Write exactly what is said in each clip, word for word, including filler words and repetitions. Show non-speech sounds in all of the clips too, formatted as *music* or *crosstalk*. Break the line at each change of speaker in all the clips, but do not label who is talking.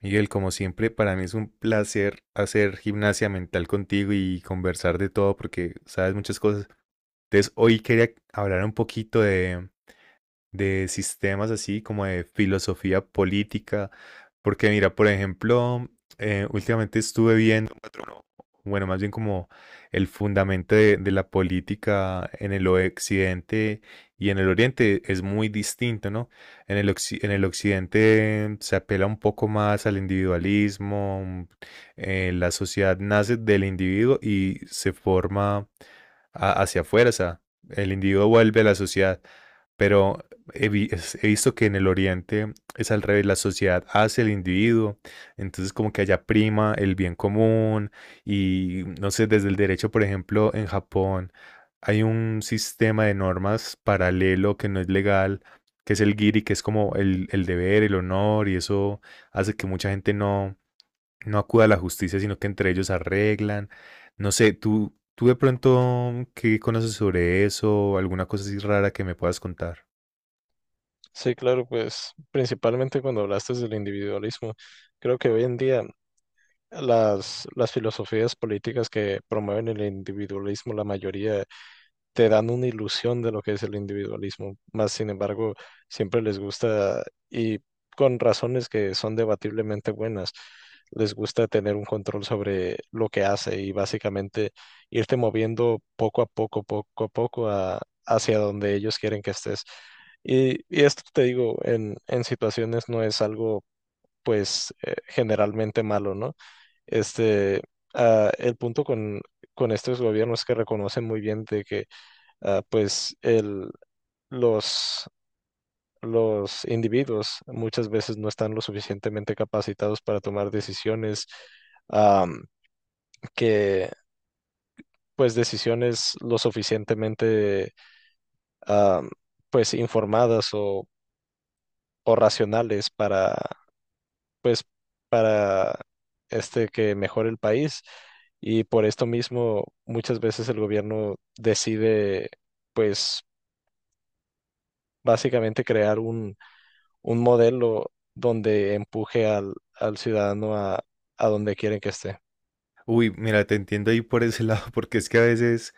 Miguel, como siempre, para mí es un placer hacer gimnasia mental contigo y conversar de todo porque sabes muchas cosas. Entonces, hoy quería hablar un poquito de, de sistemas así, como de filosofía política. Porque mira, por ejemplo, eh, últimamente estuve viendo, bueno, más bien como el fundamento de, de la política en el occidente y en el oriente es muy distinto, ¿no? En el, occi- en el occidente se apela un poco más al individualismo, un- eh, la sociedad nace del individuo y se forma a- hacia afuera, o sea, el individuo vuelve a la sociedad. Pero he, vi- es- he visto que en el Oriente es al revés, la sociedad hace el individuo, entonces como que allá prima el bien común y no sé, desde el derecho, por ejemplo, en Japón hay un sistema de normas paralelo que no es legal, que es el giri, que es como el, el deber, el honor y eso hace que mucha gente no, no acuda a la justicia, sino que entre ellos arreglan. No sé, tú, tú de pronto, ¿qué conoces sobre eso? ¿Alguna cosa así rara que me puedas contar?
Sí, claro, pues principalmente cuando hablaste del individualismo, creo que hoy en día las, las filosofías políticas que promueven el individualismo, la mayoría te dan una ilusión de lo que es el individualismo, más sin embargo, siempre les gusta, y con razones que son debatiblemente buenas, les gusta tener un control sobre lo que hace y básicamente irte moviendo poco a poco, poco a poco a- hacia donde ellos quieren que estés. Y, y esto te digo, en, en situaciones no es algo pues eh, generalmente malo, ¿no? Este, ah, el punto con, con estos gobiernos que reconocen muy bien de que ah, pues el, los, los individuos muchas veces no están lo suficientemente capacitados para tomar decisiones, am, que pues decisiones lo suficientemente am, pues informadas o, o racionales para pues para este que mejore el país. Y por esto mismo muchas veces el gobierno decide pues básicamente crear un un modelo donde empuje al, al ciudadano a, a donde quieren que esté.
Uy, mira, te entiendo ahí por ese *laughs* lado, porque es que a veces,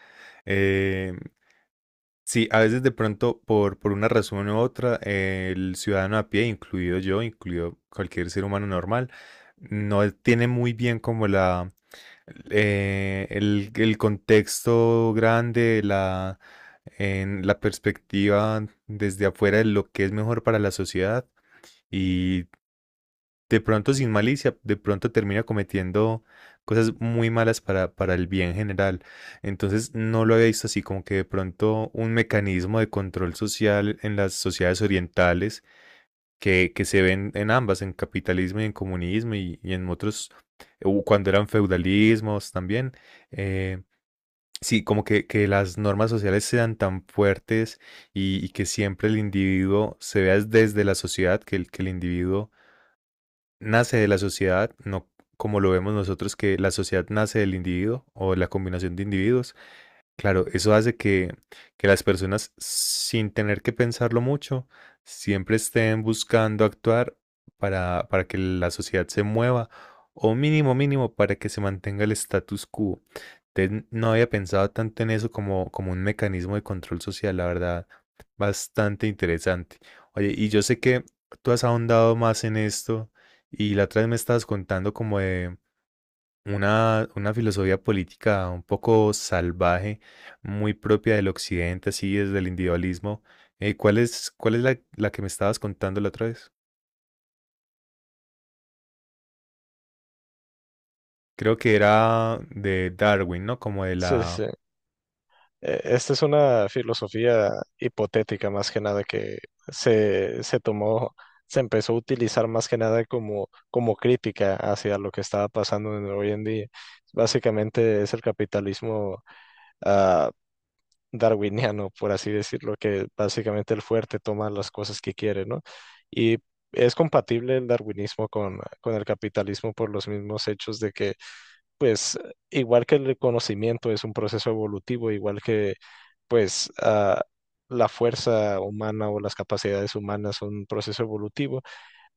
eh, sí, a veces de pronto por, por una razón u otra, eh, el ciudadano a pie, incluido yo, incluido cualquier ser humano normal, no tiene muy bien como la, eh, el, el contexto grande, la, en la perspectiva desde afuera de lo que es mejor para la sociedad de pronto sin malicia, de pronto termina cometiendo cosas muy malas para, para el bien general. Entonces no lo había visto así, como que de pronto un mecanismo de control social en las sociedades orientales que, que se ven en ambas, en capitalismo y en comunismo y, y en otros, u- cuando eran feudalismos también. eh, Sí, como que, que las normas sociales sean tan fuertes y, y que siempre el individuo se vea desde la sociedad, que el, que el individuo nace de la sociedad, no como lo vemos nosotros, que la sociedad nace del individuo o de la combinación de individuos. Claro, eso hace que, que las personas, sin tener que pensarlo mucho, siempre estén buscando actuar para, para que la sociedad se mueva, o mínimo, mínimo, para que se mantenga el status quo. Entonces, no había pensado tanto en eso como, como un mecanismo de control social, la verdad, bastante interesante. Oye, y yo sé que tú has ahondado más en esto, y la otra vez me estabas contando como de una, una filosofía política un poco salvaje, muy propia del occidente, así desde el individualismo. Eh, ¿cuál es, cuál es la, la que me estabas contando la otra vez? Creo que era de Darwin, ¿no? Como de
Sí, sí,
la...
sí. Eh, Esta es una filosofía hipotética más que nada que se, se tomó, se empezó a utilizar más que nada como, como crítica hacia lo que estaba pasando en- hoy en día. Básicamente es el capitalismo ah, darwiniano, por así decirlo, que básicamente el fuerte toma las cosas que quiere, ¿no? Y es compatible el darwinismo con, con el capitalismo por los mismos hechos de que, pues, igual que el conocimiento es un proceso evolutivo, igual que, pues, ah, la fuerza humana o las capacidades humanas son un proceso evolutivo,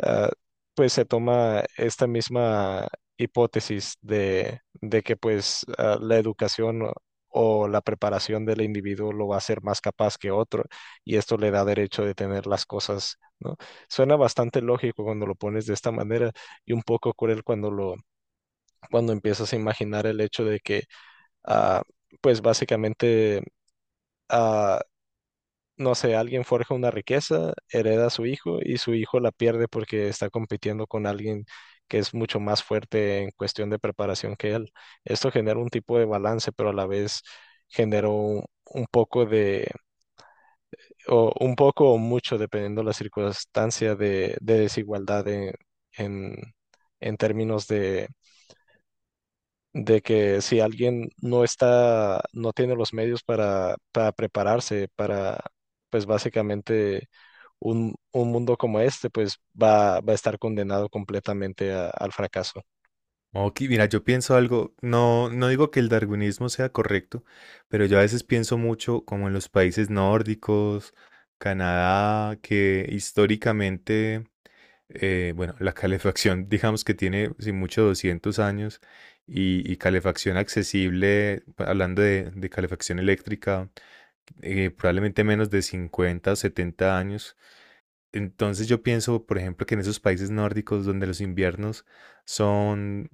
ah, pues se toma esta misma hipótesis de, de que pues ah, la educación o o la preparación del individuo lo va a hacer más capaz que otro y esto le da derecho de tener las cosas, ¿no? Suena bastante lógico cuando lo pones de esta manera y un poco cruel cuando lo cuando empiezas a imaginar el hecho de que ah, pues básicamente ah, no sé, alguien forja una riqueza, hereda a su hijo y su hijo la pierde porque está compitiendo con alguien que es mucho más fuerte en cuestión de preparación que él. Esto genera un tipo de balance, pero a la vez generó un un poco de, o un poco o mucho, dependiendo la circunstancia de, de desigualdad en, en en términos de de que si alguien no está, no tiene los medios para, para prepararse para, pues básicamente un, un mundo como este, pues va, va a estar condenado completamente a- al fracaso.
Ok, mira, yo pienso algo, no, no digo que el darwinismo sea correcto, pero yo a veces pienso mucho como en los países nórdicos, Canadá, que históricamente eh, bueno, la calefacción, digamos que tiene, sin mucho, doscientos años y, y calefacción accesible, hablando de, de calefacción eléctrica, eh, probablemente menos de cincuenta o setenta años. Entonces yo pienso, por ejemplo, que en esos países nórdicos donde los inviernos son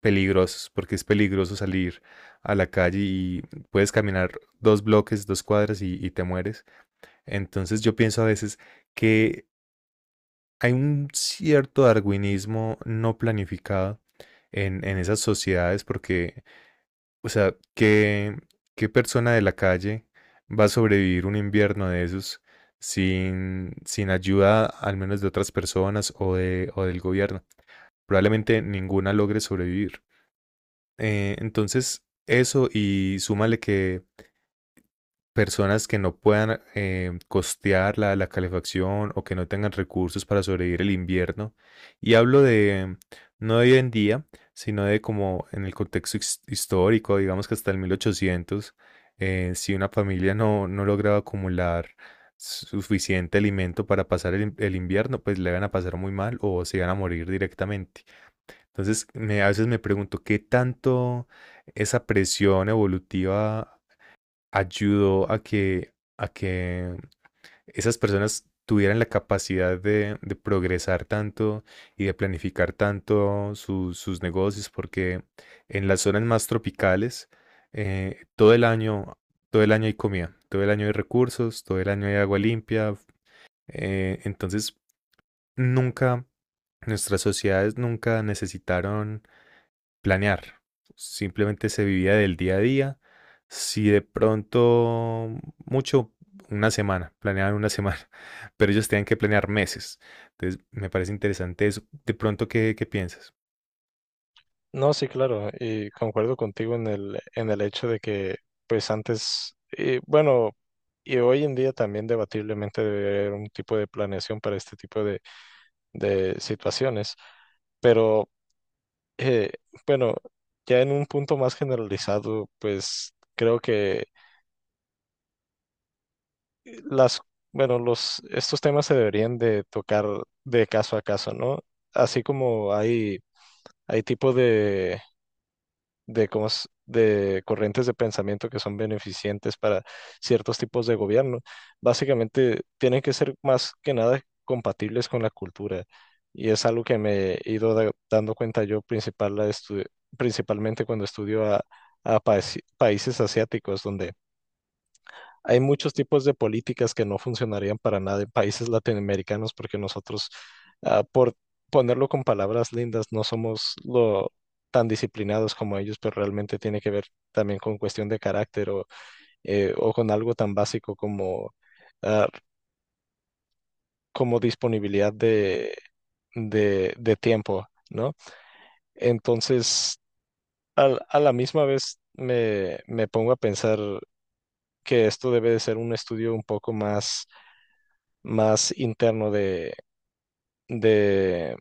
peligrosos, porque es peligroso salir a la calle y puedes caminar dos bloques, dos cuadras y, y te mueres. Entonces yo pienso a veces que hay un cierto darwinismo no planificado en, en esas sociedades porque, o sea, ¿qué, qué persona de la calle va a sobrevivir un invierno de esos sin, sin ayuda al menos de otras personas o, de, o del gobierno? Probablemente ninguna logre sobrevivir. Eh, entonces, eso y súmale que personas que no puedan eh, costear la, la calefacción o que no tengan recursos para sobrevivir el invierno. Y hablo de, no de hoy en día, sino de como en el contexto his- histórico, digamos que hasta el mil ochocientos, eh, si una familia no, no lograba acumular suficiente alimento para pasar el, in- el invierno, pues le van a pasar muy mal o se iban a morir directamente. Entonces, me, a veces me pregunto, ¿qué tanto esa presión evolutiva ayudó a que, a que esas personas tuvieran la capacidad de, de progresar tanto y de planificar tanto su- sus negocios, porque en las zonas más tropicales, eh, todo el año, todo el año hay comida, todo el año hay recursos, todo el año hay agua limpia. Eh, entonces, nunca, Nuestras sociedades nunca necesitaron planear. Simplemente se vivía del día a día. Si de pronto, mm, mucho, una semana, planeaban una semana, *laughs* pero ellos tenían que planear meses. Entonces, me parece interesante eso. De pronto, ¿qué, qué piensas?
No, sí, claro, y concuerdo contigo en el, en el hecho de que, pues antes, y bueno, y hoy en día también debatiblemente debe haber un tipo de planeación para este tipo de, de situaciones, pero Eh, bueno, ya en un punto más generalizado, pues creo que las, bueno, los, estos temas se deberían de tocar de caso a caso, ¿no? Así como hay, hay tipo de de, cómo s- de corrientes de pensamiento que son beneficientes para ciertos tipos de gobierno, básicamente tienen que ser más que nada compatibles con la cultura. Y es algo que me he ido da- dando cuenta yo principal, la estu- principalmente cuando estudio a, a paesi- países asiáticos, donde hay muchos tipos de políticas que no funcionarían para nada en países latinoamericanos porque nosotros, ah, por ponerlo con palabras lindas, no somos lo tan disciplinados como ellos, pero realmente tiene que ver también con cuestión de carácter o, eh, o con algo tan básico como, ah, como disponibilidad de, de, de tiempo, ¿no? Entonces, al- a la misma vez me, me pongo a pensar que esto debe de ser un estudio un poco más más interno de, de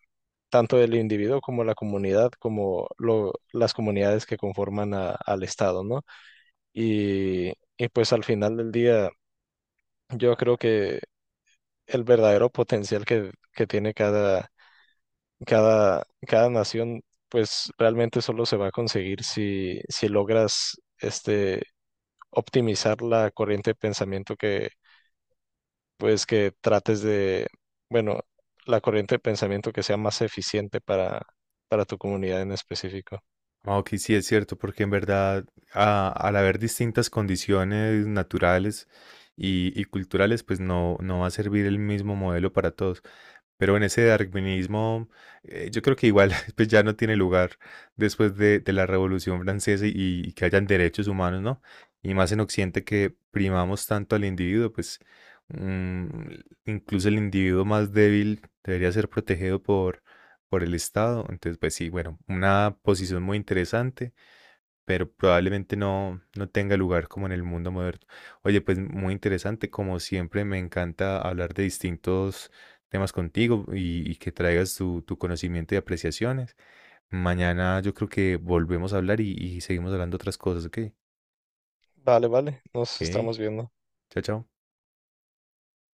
tanto del individuo como la comunidad, como lo- las comunidades que conforman a- al Estado, ¿no? Y, y pues al final del día, yo creo que el verdadero potencial que, que tiene cada, cada, cada nación, pues realmente solo se va a conseguir si, si logras este, optimizar la corriente de pensamiento que pues que trates de, bueno, la corriente de pensamiento que sea más eficiente para, para tu comunidad en específico.
Ah, Ok, sí, es cierto, porque en verdad, a- al haber distintas condiciones naturales y, y culturales, pues no, no va a servir el mismo modelo para todos. Pero en ese darwinismo, eh, yo creo que igual *laughs* pues ya no tiene lugar después de, de la Revolución Francesa y, y que hayan derechos humanos, ¿no? Y más en Occidente que primamos tanto al individuo, pues mm, incluso el individuo más débil debería ser protegido por, por el Estado. Entonces, pues sí, bueno, una posición muy interesante pero probablemente no, no tenga lugar como en el mundo moderno. Oye, pues muy interesante, como siempre me encanta hablar de distintos temas contigo y, y que traigas tu, tu conocimiento y apreciaciones. Mañana yo creo que volvemos a hablar y, y seguimos hablando otras cosas, ¿ok?
Vale, vale, nos
Ok,
estamos viendo.
chao, chao.